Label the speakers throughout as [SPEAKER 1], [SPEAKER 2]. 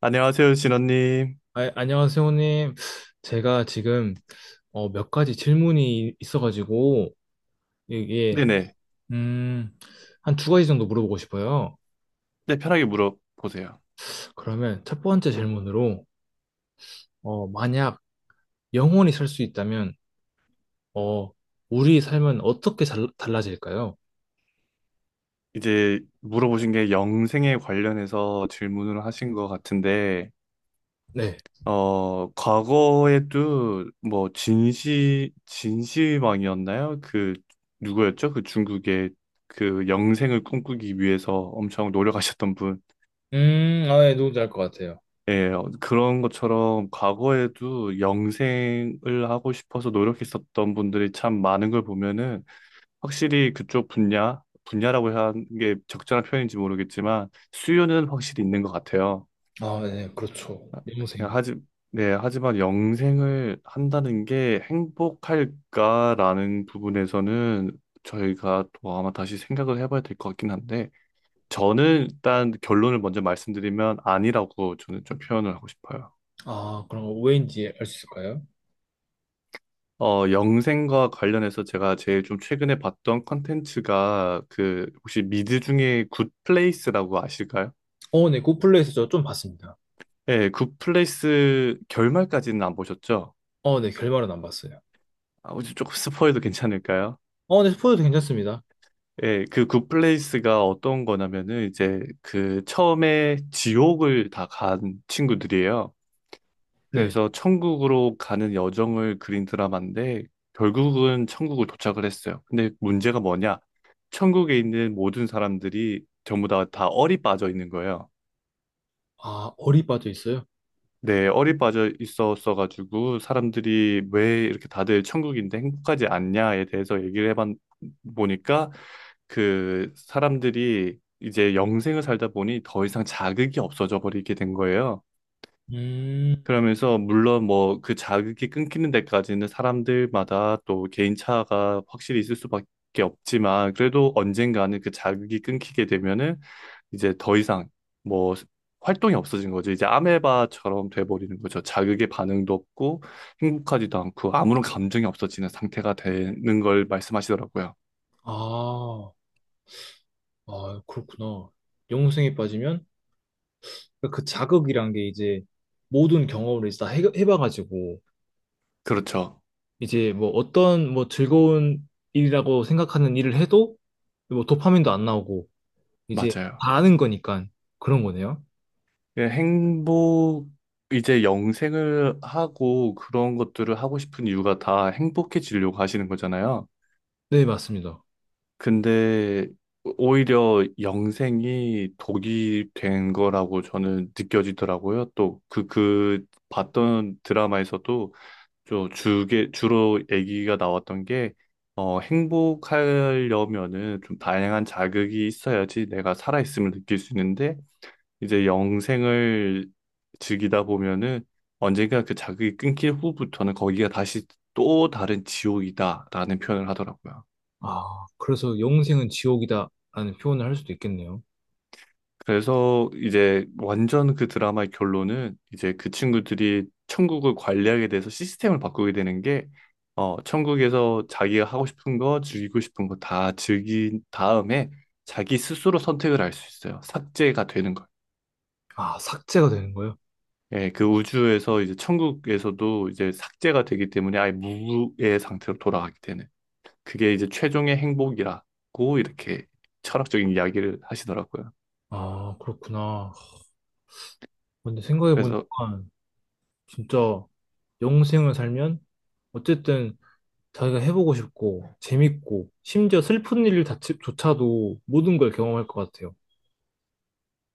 [SPEAKER 1] 안녕하세요, 진원님.
[SPEAKER 2] 아, 안녕하세요, 형님. 제가 지금 몇 가지 질문이 있어가지고 이게
[SPEAKER 1] 네네.
[SPEAKER 2] 음, 한 두 가지 정도 물어보고 싶어요.
[SPEAKER 1] 네, 편하게 물어보세요.
[SPEAKER 2] 그러면 첫 번째 질문으로 만약 영원히 살 수 있다면 어, 우리 삶은 어떻게 달라질까요?
[SPEAKER 1] 이제 물어보신 게 영생에 관련해서 질문을 하신 것 같은데,
[SPEAKER 2] 네.
[SPEAKER 1] 과거에도 뭐 진시황이었나요? 누구였죠? 그 중국의 그 영생을 꿈꾸기 위해서 엄청 노력하셨던 분.
[SPEAKER 2] 아, 네, 누군지 알 것 같아요.
[SPEAKER 1] 예, 그런 것처럼 과거에도 영생을 하고 싶어서 노력했었던 분들이 참 많은 걸 보면은 확실히 그쪽 분야라고 해야 하는 게 적절한 표현인지 모르겠지만 수요는 확실히 있는 것 같아요.
[SPEAKER 2] 아, 네, 그렇죠.
[SPEAKER 1] 야,
[SPEAKER 2] 영생.
[SPEAKER 1] 하지, 네, 하지만 영생을 한다는 게 행복할까라는 부분에서는 저희가 또 아마 다시 생각을 해봐야 될 것 같긴 한데 저는 일단 결론을 먼저 말씀드리면 아니라고 저는 좀 표현을 하고 싶어요.
[SPEAKER 2] 아, 그럼 왜인지 알 수 있을까요?
[SPEAKER 1] 영생과 관련해서 제가 제일 좀 최근에 봤던 컨텐츠가 그 혹시 미드 중에 굿플레이스라고 아실까요?
[SPEAKER 2] 네, 굿플레이스 저 좀 봤습니다.
[SPEAKER 1] 예, 굿플레이스 결말까지는 안 보셨죠?
[SPEAKER 2] 네, 결말은 안 봤어요.
[SPEAKER 1] 아, 혹시 조금 스포해도 괜찮을까요?
[SPEAKER 2] 네, 스포도 괜찮습니다.
[SPEAKER 1] 예, 그 굿플레이스가 어떤 거냐면은 이제 그 처음에 지옥을 다 간 친구들이에요.
[SPEAKER 2] 네.
[SPEAKER 1] 그래서 천국으로 가는 여정을 그린 드라마인데 결국은 천국을 도착을 했어요. 근데 문제가 뭐냐? 천국에 있는 모든 사람들이 전부 다 얼이 빠져 있는 거예요.
[SPEAKER 2] 아, 어리바도 있어요?
[SPEAKER 1] 네, 얼이 빠져 있었어가지고 사람들이 왜 이렇게 다들 천국인데 행복하지 않냐에 대해서 얘기를 해봤 보니까 그 사람들이 이제 영생을 살다 보니 더 이상 자극이 없어져 버리게 된 거예요.
[SPEAKER 2] 음,
[SPEAKER 1] 그러면서 물론 뭐 그 자극이 끊기는 데까지는 사람들마다 또 개인차가 확실히 있을 수밖에 없지만 그래도 언젠가는 그 자극이 끊기게 되면은 이제 더 이상 뭐 활동이 없어진 거죠. 이제 아메바처럼 돼버리는 거죠. 자극의 반응도 없고 행복하지도 않고 아무런 감정이 없어지는 상태가 되는 걸 말씀하시더라고요.
[SPEAKER 2] 아, 아, 그렇구나. 영웅생에 빠지면 그 자극이란 게 이제 모든 경험을 이제 다 해봐가지고
[SPEAKER 1] 그렇죠.
[SPEAKER 2] 이제 뭐 어떤 뭐 즐거운 일이라고 생각하는 일을 해도 뭐 도파민도 안 나오고 이제
[SPEAKER 1] 맞아요.
[SPEAKER 2] 다 아는 거니까 그런 거네요.
[SPEAKER 1] 예, 이제 영생을 하고 그런 것들을 하고 싶은 이유가 다 행복해지려고 하시는 거잖아요.
[SPEAKER 2] 네, 맞습니다.
[SPEAKER 1] 근데 오히려 영생이 독이 된 거라고 저는 느껴지더라고요. 또 그 봤던 드라마에서도 주로 얘기가 나왔던 게 행복하려면은 좀 다양한 자극이 있어야지 내가 살아있음을 느낄 수 있는데 이제 영생을 즐기다 보면은 언젠가 그 자극이 끊길 후부터는 거기가 다시 또 다른 지옥이다라는 표현을 하더라고요.
[SPEAKER 2] 아, 그래서 영생은 지옥이다라는 표현을 할 수도 있겠네요.
[SPEAKER 1] 그래서 이제 완전 그 드라마의 결론은 이제 그 친구들이 천국을 관리하게 돼서 시스템을 바꾸게 되는 게 천국에서 자기가 하고 싶은 거, 즐기고 싶은 거 다 즐긴 다음에 자기 스스로 선택을 할 수 있어요. 삭제가 되는 거예요.
[SPEAKER 2] 아, 삭제가 되는 거예요?
[SPEAKER 1] 예, 그 우주에서 이제 천국에서도 이제 삭제가 되기 때문에 아예 무의 상태로 돌아가게 되는 그게 이제 최종의 행복이라고 이렇게 철학적인 이야기를 하시더라고요.
[SPEAKER 2] 아, 그렇구나. 근데 생각해보니까
[SPEAKER 1] 그래서
[SPEAKER 2] 진짜 영생을 살면 어쨌든 자기가 해보고 싶고 재밌고 심지어 슬픈 일 자체조차도 모든 걸 경험할 것 같아요.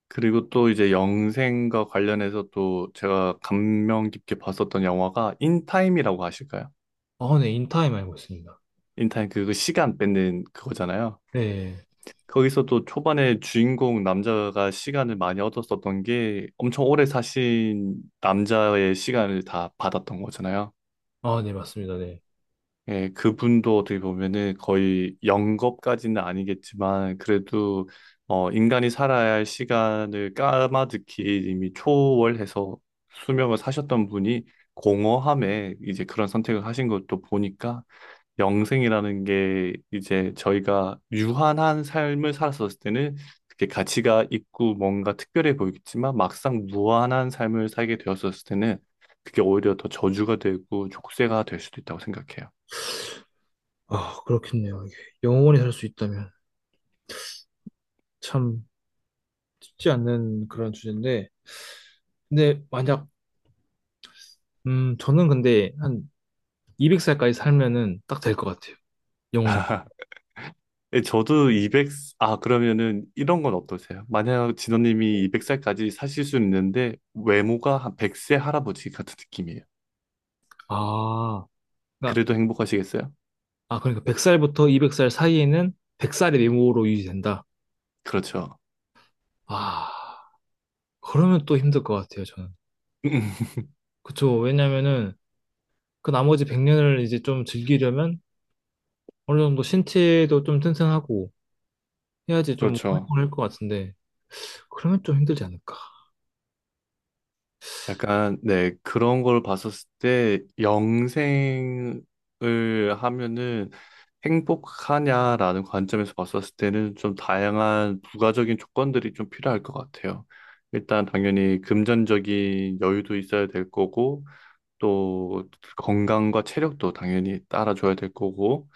[SPEAKER 1] 그리고 또 이제 영생과 관련해서 또 제가 감명 깊게 봤었던 영화가 인타임이라고 아실까요?
[SPEAKER 2] 아, 네, 인타임 알고 있습니다.
[SPEAKER 1] 인타임 그거 시간 뺏는 그거잖아요.
[SPEAKER 2] 네,
[SPEAKER 1] 거기서도 초반에 주인공 남자가 시간을 많이 얻었었던 게 엄청 오래 사신 남자의 시간을 다 받았던 거잖아요.
[SPEAKER 2] 아, 네, 맞습니다. 네,
[SPEAKER 1] 예, 그분도 어떻게 보면은 거의 영겁까지는 아니겠지만 그래도 인간이 살아야 할 시간을 까마득히 이미 초월해서 수명을 사셨던 분이 공허함에 이제 그런 선택을 하신 것도 보니까 영생이라는 게 이제 저희가 유한한 삶을 살았었을 때는 그게 가치가 있고 뭔가 특별해 보이겠지만 막상 무한한 삶을 살게 되었었을 때는 그게 오히려 더 저주가 되고 족쇄가 될 수도 있다고 생각해요.
[SPEAKER 2] 아, 그렇겠네요. 이게 영원히 살 수 있다면 참 쉽지 않는 그런 주제인데, 근데 만약 저는 근데 한 200살까지 살면은 딱 될 것 같아요. 영원히
[SPEAKER 1] 예, 아, 그러면은 이런 건 어떠세요? 만약 진호님이 200살까지 사실 수는 있는데 외모가 한 100세 할아버지 같은 느낌이에요.
[SPEAKER 2] 아, 그러니까
[SPEAKER 1] 그래도 행복하시겠어요?
[SPEAKER 2] 아 그러니까 100살부터 200살 사이에는 100살의 미모로 유지된다.
[SPEAKER 1] 그렇죠.
[SPEAKER 2] 아, 그러면 또 힘들 것 같아요, 저는. 그쵸. 왜냐면은 그 나머지 100년을 이제 좀 즐기려면 어느 정도 신체도 좀 튼튼하고 해야지 좀
[SPEAKER 1] 그렇죠.
[SPEAKER 2] 활동을 할 것 같은데, 그러면 좀 힘들지 않을까.
[SPEAKER 1] 약간, 네, 그런 걸 봤었을 때 영생을 하면은 행복하냐라는 관점에서 봤었을 때는 좀 다양한 부가적인 조건들이 좀 필요할 것 같아요. 일단 당연히 금전적인 여유도 있어야 될 거고, 또 건강과 체력도 당연히 따라줘야 될 거고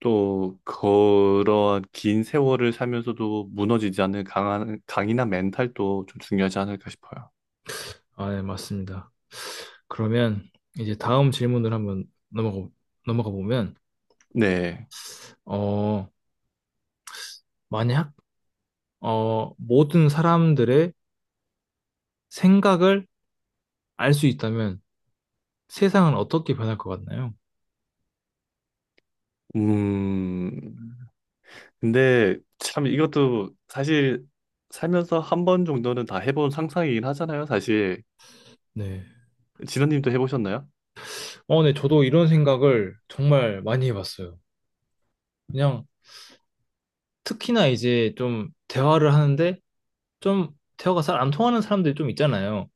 [SPEAKER 1] 또 그러한 긴 세월을 살면서도 무너지지 않는 강한 강인한 멘탈도 좀 중요하지 않을까 싶어요.
[SPEAKER 2] 아, 네, 맞습니다. 그러면 이제 다음 질문을 한번 넘어가 보면,
[SPEAKER 1] 네.
[SPEAKER 2] 어, 만약, 모든 사람들의 생각을 알 수 있다면 세상은 어떻게 변할 것 같나요?
[SPEAKER 1] 음. 근데 참 이것도 사실 살면서 한 번 정도는 다 해본 상상이긴 하잖아요, 사실.
[SPEAKER 2] 네.
[SPEAKER 1] 진원님도 해보셨나요?
[SPEAKER 2] 네, 저도 이런 생각을 정말 많이 해봤어요. 그냥 특히나 이제 좀 대화를 하는데 좀 대화가 잘 안 통하는 사람들이 좀 있잖아요.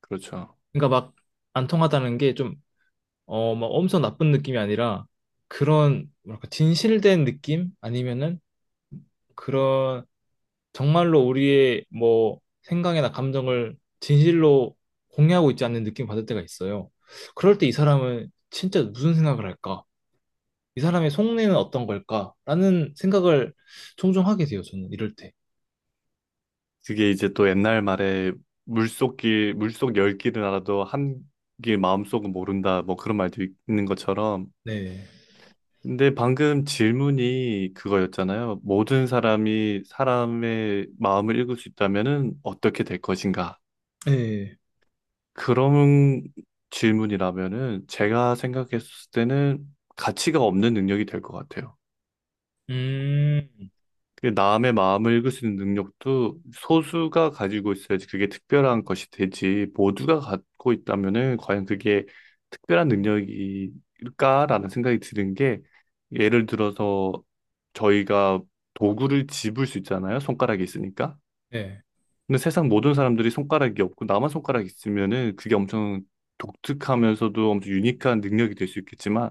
[SPEAKER 1] 그렇죠.
[SPEAKER 2] 그러니까 막 안 통하다는 게 좀, 막 엄청 나쁜 느낌이 아니라 그런, 뭐랄까, 진실된 느낌? 아니면은 그런 정말로 우리의 뭐 생각이나 감정을 진실로 공유하고 있지 않는 느낌 받을 때가 있어요. 그럴 때 이 사람은 진짜 무슨 생각을 할까? 이 사람의 속내는 어떤 걸까? 라는 생각을 종종 하게 돼요, 저는 이럴 때.
[SPEAKER 1] 그게 이제 또 옛날 말에 물속 열 길은 알아도 한길 마음속은 모른다. 뭐 그런 말도 있는 것처럼.
[SPEAKER 2] 네.
[SPEAKER 1] 근데 방금 질문이 그거였잖아요. 모든 사람이 사람의 마음을 읽을 수 있다면은 어떻게 될 것인가?
[SPEAKER 2] 네.
[SPEAKER 1] 그런 질문이라면은 제가 생각했을 때는 가치가 없는 능력이 될 것 같아요.
[SPEAKER 2] 음,
[SPEAKER 1] 그 남의 마음을 읽을 수 있는 능력도 소수가 가지고 있어야지 그게 특별한 것이 되지. 모두가 갖고 있다면은 과연 그게 특별한 능력일까라는 생각이 드는 게 예를 들어서 저희가 도구를 집을 수 있잖아요. 손가락이 있으니까.
[SPEAKER 2] 네.
[SPEAKER 1] 근데 세상 모든 사람들이 손가락이 없고 나만 손가락이 있으면은 그게 엄청 독특하면서도 엄청 유니크한 능력이 될 수 있겠지만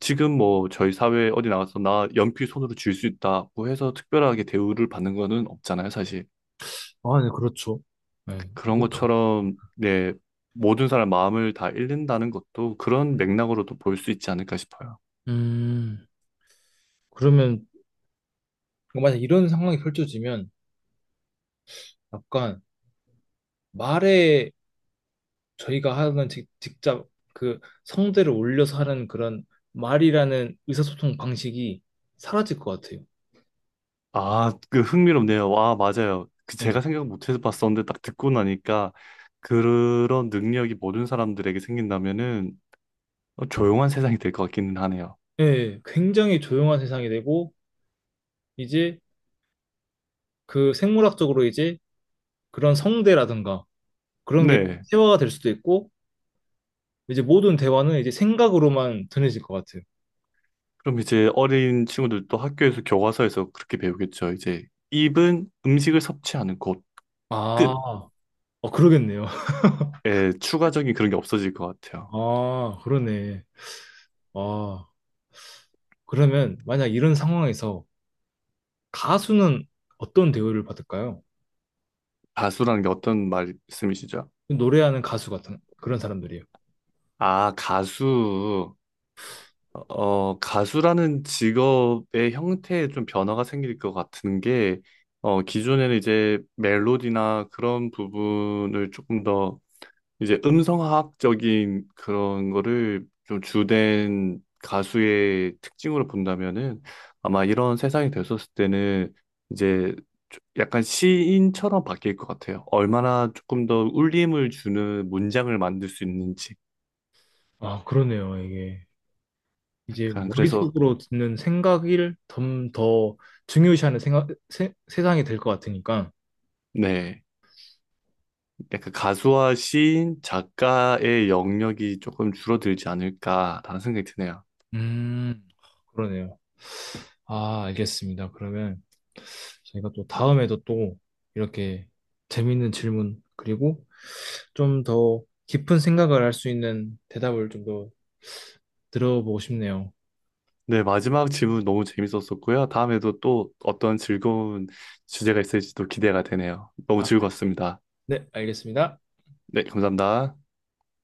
[SPEAKER 1] 지금 뭐 저희 사회 어디 나가서 나 연필 손으로 쥘 수 있다고 해서 특별하게 대우를 받는 거는 없잖아요, 사실.
[SPEAKER 2] 아, 네, 그렇죠. 네.
[SPEAKER 1] 그런 것처럼 네, 모든 사람 마음을 다 잃는다는 것도 그런 맥락으로도 볼 수 있지 않을까 싶어요.
[SPEAKER 2] 음, 그러면 만약 이런 상황이 펼쳐지면 약간 말에 저희가 하는 직접 그 성대를 올려서 하는 그런 말이라는 의사소통 방식이 사라질 것 같아요.
[SPEAKER 1] 아, 그 흥미롭네요. 와, 맞아요. 그 제가
[SPEAKER 2] 네.
[SPEAKER 1] 생각 못해서 봤었는데 딱 듣고 나니까 그런 능력이 모든 사람들에게 생긴다면은 조용한 세상이 될 것 같기는 하네요.
[SPEAKER 2] 네, 굉장히 조용한 세상이 되고 이제 그 생물학적으로 이제 그런 성대라든가 그런 게
[SPEAKER 1] 네.
[SPEAKER 2] 세화가 될 수도 있고 이제 모든 대화는 이제 생각으로만 전해질 것 같아요.
[SPEAKER 1] 그럼 이제 어린 친구들도 학교에서 교과서에서 그렇게 배우겠죠. 이제 입은 음식을 섭취하는 곳,
[SPEAKER 2] 아, 그러겠네요.
[SPEAKER 1] 끝에 추가적인 그런 게 없어질 것 같아요.
[SPEAKER 2] 아, 그러네. 아, 그러면 만약 이런 상황에서 가수는 어떤 대우를 받을까요?
[SPEAKER 1] 가수라는 게 어떤 말씀이시죠?
[SPEAKER 2] 노래하는 가수 같은 그런 사람들이에요.
[SPEAKER 1] 아, 가수. 가수라는 직업의 형태에 좀 변화가 생길 것 같은 게, 기존에는 이제 멜로디나 그런 부분을 조금 더 이제 음성학적인 그런 거를 좀 주된 가수의 특징으로 본다면은 아마 이런 세상이 됐었을 때는 이제 약간 시인처럼 바뀔 것 같아요. 얼마나 조금 더 울림을 주는 문장을 만들 수 있는지.
[SPEAKER 2] 아, 그러네요. 이게 이제
[SPEAKER 1] 약간 그래서
[SPEAKER 2] 머릿속으로 듣는 생각을 좀 더 중요시하는 생각, 세상이 될 것 같으니까.
[SPEAKER 1] 네. 약간 가수와 시인, 작가의 영역이 조금 줄어들지 않을까라는 생각이 드네요.
[SPEAKER 2] 음, 그러네요. 아, 알겠습니다. 그러면 저희가 또 다음에도 또 이렇게 재밌는 질문 그리고 좀 더 깊은 생각을 할 수 있는 대답을 좀 더 들어보고 싶네요.
[SPEAKER 1] 네, 마지막 질문 너무 재밌었었고요. 다음에도 또 어떤 즐거운 주제가 있을지도 기대가 되네요. 너무
[SPEAKER 2] 아,
[SPEAKER 1] 즐거웠습니다.
[SPEAKER 2] 네, 알겠습니다.
[SPEAKER 1] 네, 감사합니다.